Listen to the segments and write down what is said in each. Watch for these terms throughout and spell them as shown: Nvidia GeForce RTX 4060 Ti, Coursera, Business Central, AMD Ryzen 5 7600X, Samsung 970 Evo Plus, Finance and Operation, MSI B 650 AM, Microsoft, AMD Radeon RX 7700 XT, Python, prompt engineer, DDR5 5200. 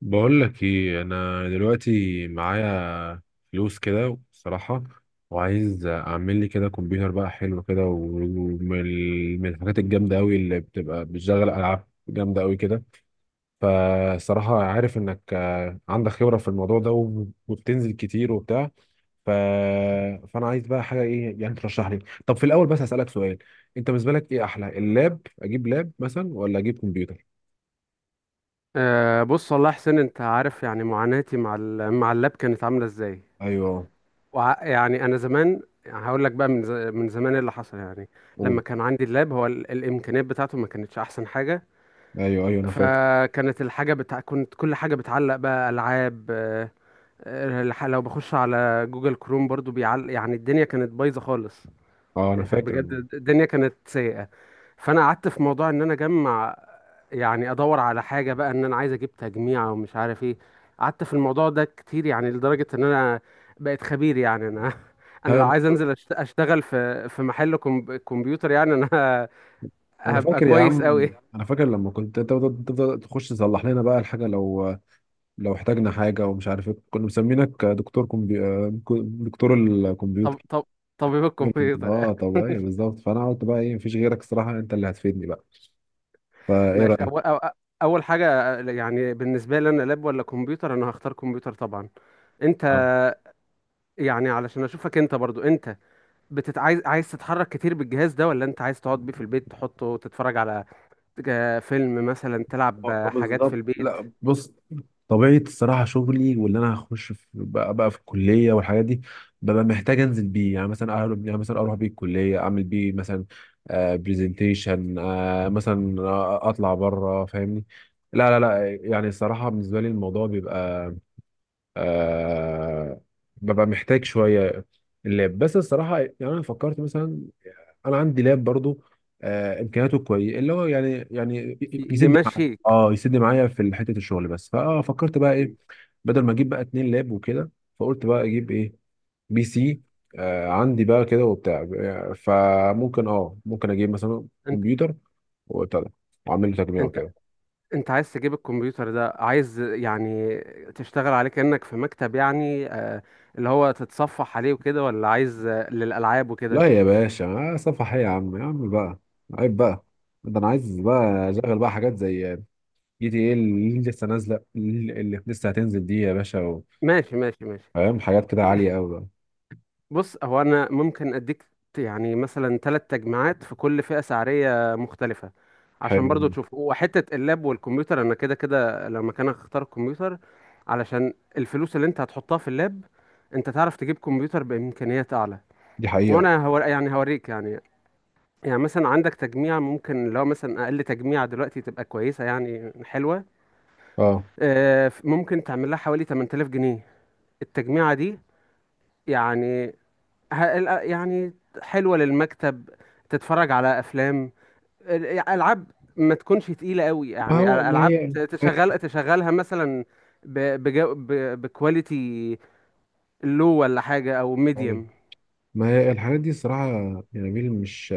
بقول لك ايه؟ انا دلوقتي معايا فلوس كده صراحة، وعايز اعمل لي كده كمبيوتر بقى حلو كده، ومن الحاجات الجامدة قوي اللي بتبقى بتشغل العاب جامدة قوي كده. فصراحة عارف انك عندك خبرة في الموضوع ده، وبتنزل كتير وبتاع. ف... فانا عايز بقى حاجة ايه يعني ترشح لي. طب في الاول بس هسألك سؤال. انت بالنسبة لك ايه احلى؟ اللاب، اجيب لاب مثلا ولا اجيب كمبيوتر؟ أه، بص والله يا حسين، انت عارف يعني معاناتي مع اللاب كانت عامله ازاي. ايوه. يعني انا زمان، يعني هقول لك بقى من زمان إيه اللي حصل يعني. لما قول. كان عندي اللاب، هو الامكانيات بتاعته ما كانتش احسن حاجه. ايوه، ايوه، انا فاكر. فكانت الحاجه بتاع كنت كل حاجه بتعلق بقى. العاب، أه، لو بخش على جوجل كروم برضو بيعلق. يعني الدنيا كانت بايظه خالص، اه انا فاكر بجد الدنيا كانت سيئة. فانا قعدت في موضوع ان انا اجمع، يعني ادور على حاجة بقى، ان انا عايز اجيب تجميع ومش عارف ايه. قعدت في الموضوع ده كتير، يعني لدرجة ان انا بقيت خبير. يعني انا انا هاي- لو عايز انزل اشتغل في محل كمبيوتر، يعني انا انا هبقى فاكر يا كويس عم. قوي. انا فاكر لما كنت تفضل تخش تصلح لنا بقى الحاجه، لو احتاجنا حاجه ومش عارف ايه، كنا مسمينك دكتور كمبي... آه، دكتور طب الكمبيوتر. طب طبيب الكمبيوتر يعني اه، طب، ايوه، بالظبط. فانا قلت بقى ايه؟ مفيش غيرك الصراحه، انت اللي هتفيدني بقى. فايه ماشي، اول رايك؟ أو- اول حاجة يعني بالنسبة لي، انا لاب ولا كمبيوتر؟ انا هختار كمبيوتر طبعا. انت آه. يعني علشان اشوفك، انت برضو انت عايز تتحرك كتير بالجهاز ده، ولا انت عايز تقعد بيه في البيت، تحطه وتتفرج على فيلم مثلا، تلعب والله حاجات في بالظبط. البيت، لا بص، طبيعة الصراحة شغلي واللي أنا هخش في بقى في الكلية والحاجات دي، ببقى محتاج أنزل بيه. يعني مثلا أهرب، يعني مثلا أروح بيه الكلية، أعمل بيه مثلا برزنتيشن، مثلا، أطلع بره. فاهمني؟ لا لا لا، يعني الصراحة بالنسبة لي الموضوع بيبقى آه ببقى محتاج شوية اللاب بس. الصراحة يعني أنا فكرت مثلا، انا عندي لاب برضو امكانياته كويسه، اللي هو يعني ي- يسد معايا. يمشيك اه يسد معايا في حته الشغل بس، فكرت بقى ايه؟ مم. بدل ما اجيب بقى اتنين لاب وكده، فقلت بقى اجيب ايه؟ بي سي. عندي بقى كده وبتاع. فممكن ممكن اجيب مثلا انت كمبيوتر وبتاع ده، واعمل له تجميع انت وكده. انت عايز تجيب الكمبيوتر ده عايز يعني تشتغل عليه كأنك في مكتب، يعني اللي هو تتصفح عليه وكده، ولا عايز، للألعاب وكده؟ لا يا باشا، صفحه ايه يا عم؟ يا عم بقى، عيب بقى. ده انا عايز بقى اشغل بقى حاجات زي جي تي ايه اللي لسه نازله، اللي لسه هتنزل دي يا باشا. ماشي ماشي ماشي. فاهم؟ حاجات كده عالية أوي بقى. بص، هو انا ممكن اديك يعني مثلا ثلاث تجميعات في كل فئة سعرية مختلفة، عشان برضو حلو. تشوف. وحتة اللاب والكمبيوتر، انا كده كده لما كان اختار الكمبيوتر، علشان الفلوس اللي انت هتحطها في اللاب انت تعرف تجيب كمبيوتر بامكانيات اعلى. دي حقيقة. وانا هو يعني هوريك يعني. يعني مثلا عندك تجميع، ممكن لو مثلا اقل تجميع دلوقتي تبقى كويسة، يعني حلوة، اه، ممكن تعمل لها حوالي 8000 جنيه التجميعة دي. يعني يعني حلوة للمكتب، تتفرج على أفلام، ألعاب ما تكونش تقيلة قوي، يعني أل- ما ألعاب هي، ت- ما تشغل تشغلها مثلا بكواليتي لو، ولا حاجة، أو هي ميديوم. ما هي الحاجات دي الصراحة يا نبيل، مش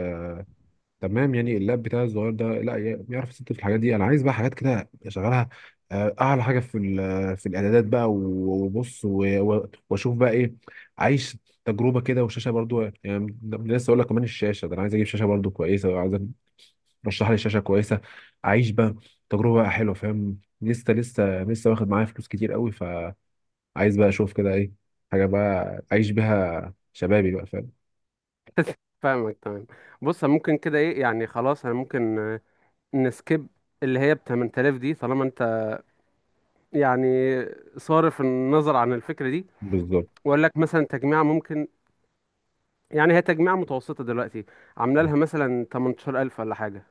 تمام. يعني اللاب بتاعي الصغير ده لا بيعرف يست في الحاجات دي. أنا عايز بقى حاجات كده أشغلها أعلى حاجة في في الإعدادات بقى، وبص وأشوف بقى إيه عايش، تجربة كده. والشاشة برضو يعني ده لسه أقول لك كمان، الشاشة ده أنا عايز أجيب شاشة برضو كويسة، وعايز رشح لي شاشه كويسه، اعيش بقى تجربه بقى حلوه. فاهم؟ لسه لسه لسه واخد معايا فلوس كتير قوي، فعايز بقى اشوف كده ايه حاجه بقى اعيش بيها شبابي بقى. فاهم؟ فاهمك تمام. بص ممكن كده إيه، يعني خلاص، أنا ممكن نسكيب اللي هي ب 8000 دي، طالما أنت يعني صارف النظر عن الفكرة دي، بالظبط. وأقول لك مثلا تجميعة ممكن، يعني هي تجميعة متوسطة دلوقتي، عاملة لها مثلا 18000 ولا حاجة.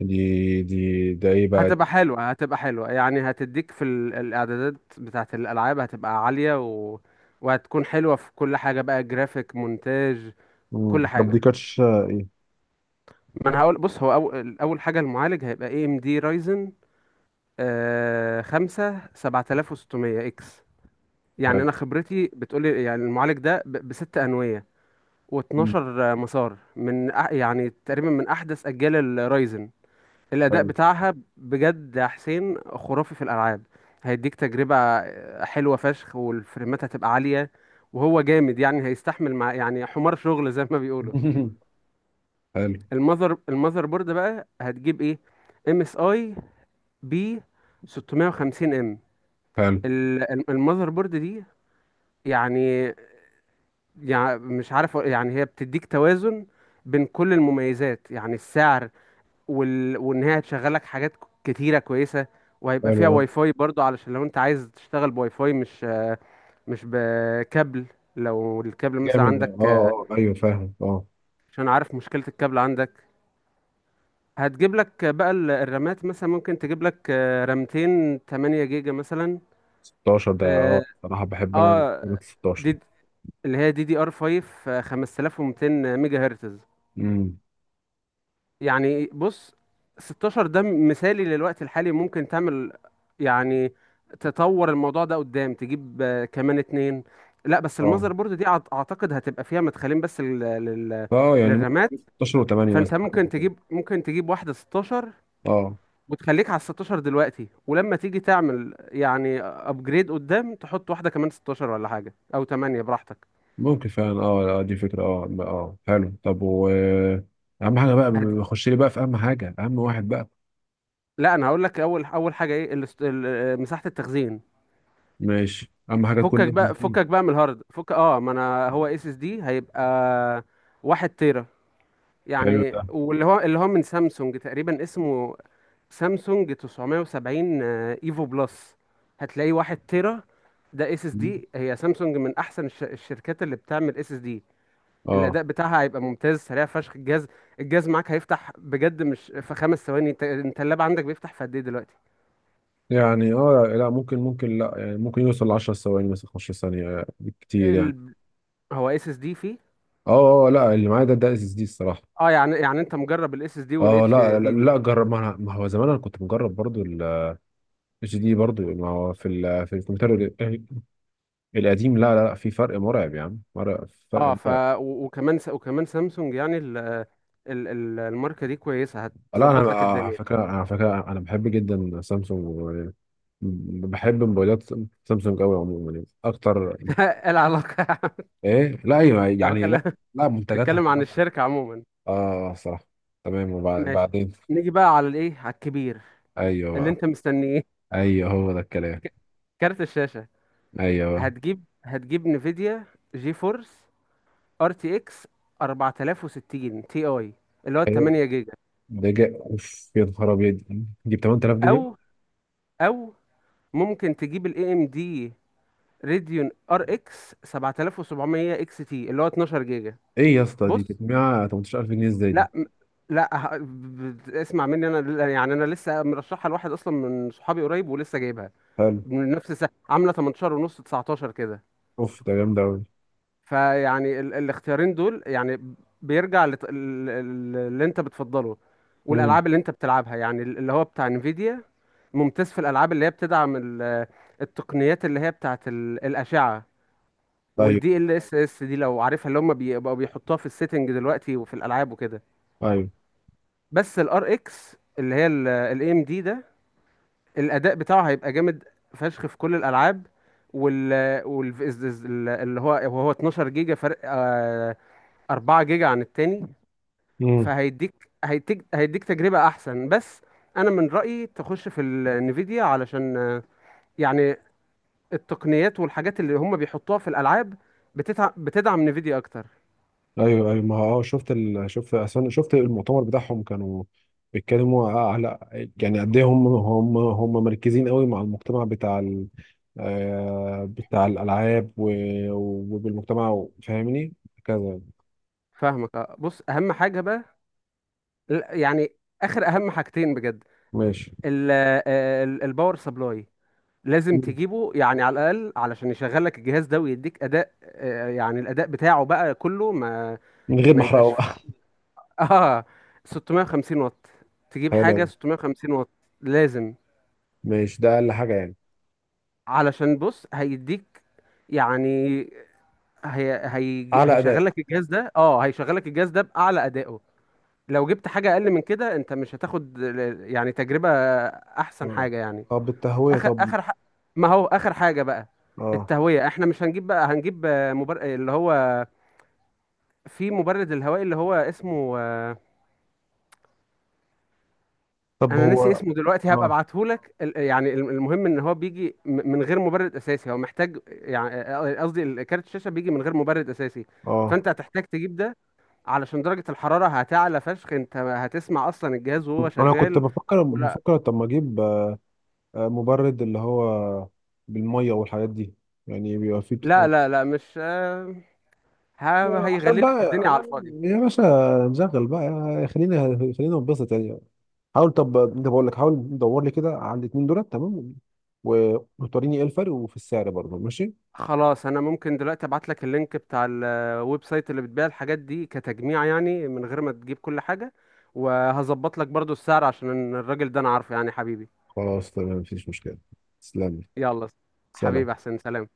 دي دي، ده ايه بقى دي؟ هتبقى حلوة، هتبقى حلوة يعني. هتديك في الإعدادات بتاعة الألعاب هتبقى عالية، و... وهتكون حلوة في كل حاجة بقى، جرافيك، مونتاج، كل مم. طب دي حاجة. كاتش ايه؟ ما أنا هقول، بص هو أول حاجة، المعالج هيبقى اي ام دي رايزن 5 7600X. يعني حلو. أنا خبرتي بتقولي يعني المعالج ده بست أنوية و12 مم. مسار، يعني تقريبا من أحدث أجيال الرايزن. الأداء حلو. بتاعها بجد يا حسين خرافي في الألعاب، هيديك تجربة حلوة فشخ، والفريمات هتبقى عالية. وهو جامد يعني، هيستحمل مع يعني حمار شغل زي ما بيقولوا. حلو المذر بورد بقى هتجيب ايه؟ ام اس اي بي 650 ام. حلو المذر بورد دي يعني يعني مش عارف يعني هي بتديك توازن بين كل المميزات، يعني السعر، وان هي هتشغل لك حاجات كتيره كويسه، وهيبقى فيها حلو. آه. واي فاي برضو، علشان لو انت عايز تشتغل بواي فاي مش بكابل، لو الكابل مثلا جامد ده. عندك، اه اه، ايوه، فاهم، اه. عشان عارف مشكله الكابل عندك. هتجيب لك بقى الرامات، مثلا ممكن تجيب لك رامتين 8 جيجا مثلا. 16 ده، اه، صراحه بحب انا آه، كلمة 16. دي اللي هي دي دي ار 5 5200 ميجا هرتز. امم. يعني بص، 16 ده مثالي للوقت الحالي. ممكن تعمل يعني تطور الموضوع ده قدام، تجيب كمان اتنين. لا بس اه المذر بورد دي اعتقد هتبقى فيها مدخلين بس لل... اه، يعني للرامات، ممكن 16 و8 فانت مثلا، حاجه ممكن زي كده. تجيب ممكن تجيب واحدة 16، اه، وتخليك على 16 دلوقتي، ولما تيجي تعمل يعني ابجريد قدام تحط واحدة كمان 16 ولا حاجة، او 8 براحتك. ممكن فعلا، اه، دي فكرة. اه اه، حلو. طب، و اهم حاجة بقى، هت- بخش لي بقى في اهم حاجة، اهم واحد بقى. لا انا هقول لك، اول حاجة ايه؟ مساحة التخزين. ماشي، اهم حاجة تكون فكك اس اس بقى، دي. فكك بقى من الهارد، فك. اه، ما انا هو اس اس دي هيبقى 1 تيرا، حلو ده. يعني واللي هو من سامسونج تقريبا، اسمه سامسونج 970، ايفو بلس، هتلاقيه 1 تيرا. ده اس اس مم. دي، هي سامسونج من احسن الشركات اللي بتعمل اس اس دي. اه الاداء بتاعها هيبقى ممتاز، سريع فشخ الجهاز، الجهاز معاك هيفتح بجد مش في 5 ثواني. انت اللاب عندك بيفتح في قد ايه دلوقتي؟ يعني، اه لا ممكن لا يعني ممكن يوصل ل 10 ثواني مثلا، 15 ثانية كتير يعني. ال... هو اس اس دي فيه؟ اه اه، لا اللي معايا ده اس اس دي الصراحة. اه يعني انت مجرب الاس اس دي اه والاتش لا لا، دي دي. لا. جرب ما, أنا- ما هو زمان انا كنت مجرب برضو اتش دي برضو. ما هو في في الكمبيوتر ال- القديم، لا لا لا، في فرق مرعب يا عم، مرعب، اه، فرق مرعب. وكمان سامسونج يعني الماركة دي كويسة، لا انا، هتظبط لك على الدنيا. فكره، أنا على فكره انا بحب جدا سامسونج، بحب موبايلات سامسونج قوي عموما يعني اكتر. ايه العلاقة؟ ايه؟ لا، ايوه انا يعني، لا. بتكلم لا، منتجاتها بتكلم عن الصراحه. الشركة عموما. اه صراحه. تمام. ماشي. وبعدين؟ نيجي بقى على الايه، على الكبير ايوه اللي بقى. انت مستنيه. ايوه، هو ده الكلام. كارت الشاشة، ايوه. هتجيب نفيديا جي فورس ار تي اكس 4060 تي اي اللي هو 8 جيجا. ده جاء اوف؟ يا نهار ابيض، دي ب 8000 جنيه؟ او او ممكن تجيب الاي ام دي ريديون ار اكس 7700 اكس تي اللي هو 12 جيجا. ايه يا اسطى، دي بص، تجميع 18000 جنيه ازاي دي؟ لا م- لا ه- ب- اسمع مني. يعني انا لسه مرشحها لواحد اصلا من صحابي قريب، ولسه جايبها حلو. من نفس السنه عامله 18 ونص، 19 كده. اوف، ده جامد قوي. فيعني الاختيارين دول يعني بيرجع اللي انت بتفضله، امم. والالعاب اللي انت بتلعبها. يعني اللي هو بتاع انفيديا ممتاز في الالعاب اللي هي بتدعم التقنيات اللي هي بتاعت الاشعه ايوه والدي ال اس اس دي، لو عارفها، اللي هم بيبقوا بيحطوها في السيتنج دلوقتي وفي الالعاب وكده. ايوه. بس الار اكس اللي هي الاي ام دي ده، الاداء بتاعه هيبقى جامد فشخ في كل الالعاب، وال وال اللي هو وهو 12 جيجا، فرق 4 جيجا عن التاني. امم. فهيديك هيديك هيديك تجربة احسن. بس انا من رأيي تخش في النفيديا، علشان يعني التقنيات والحاجات اللي هم بيحطوها في الالعاب بتدعم نفيديا اكتر. ايوه ايوه، ما هو اه، شفت أصلاً المؤتمر بتاعهم، كانوا بيتكلموا على، يعني، قد ايه هم مركزين قوي مع المجتمع بتاع ال... آه، بتاع الالعاب وبالمجتمع. فاهمني؟ كذا. فاهمك. بص اهم حاجة بقى، لا، يعني اخر اهم حاجتين بجد. ماشي. ال- الباور سبلاي لازم مم. تجيبه، يعني على الاقل علشان يشغل لك الجهاز ده ويديك اداء، يعني الاداء بتاعه بقى كله، ما من غير ما ما احرقه يبقاش فيه بقى. اه. 650 واط، تجيب حلو حاجه أوي. 650 واط لازم. ماشي، ده اقل حاجه يعني. علشان بص، هيديك يعني، هي هي اعلى هيشغل اداء. لك الجهاز ده اه هيشغل لك الجهاز ده باعلى ادائه. لو جبت حاجه اقل من كده، انت مش هتاخد يعني تجربه احسن اه، حاجه يعني. طب التهويه؟ اخر طب، اخر ح... ما هو اخر حاجه بقى، اه، التهويه. احنا مش هنجيب بقى، هنجيب اللي هو، في مبرد الهوائي اللي هو اسمه، طب انا ناسي هو، اسمه دلوقتي، هبقى اه ابعته لك. يعني المهم ان هو بيجي من غير مبرد اساسي، هو محتاج يعني قصدي كارت الشاشه بيجي من غير مبرد اساسي. اه، فانت هتحتاج تجيب ده، علشان درجه الحراره هتعلى فشخ، انت هتسمع اصلا الجهاز وهو انا كنت شغال. بفكر ولا بفكر طب ما اجيب مبرد، اللي هو بالمية والحاجات دي، يعني بيبقى فيه لا بتاع. لا لا، مش ه- عشان هيغلي لك بقى الدنيا على الفاضي. يا باشا نشغل بقى، خلينا ننبسط يعني. حاول طب، ده بقول لك حاول دور لي كده على الاثنين دولت، تمام؟ وتوريني ايه الفرق وفي السعر برضه، ماشي. خلاص، انا ممكن دلوقتي ابعت لك اللينك بتاع الويب سايت اللي بتبيع الحاجات دي كتجميع، يعني من غير ما تجيب كل حاجة، وهظبط لك برضو السعر عشان الراجل ده انا عارفه، يعني حبيبي. خلاص، تمام، مفيش مشكلة. تسلم لي. يلا سلام. حبيبي احسن. سلام.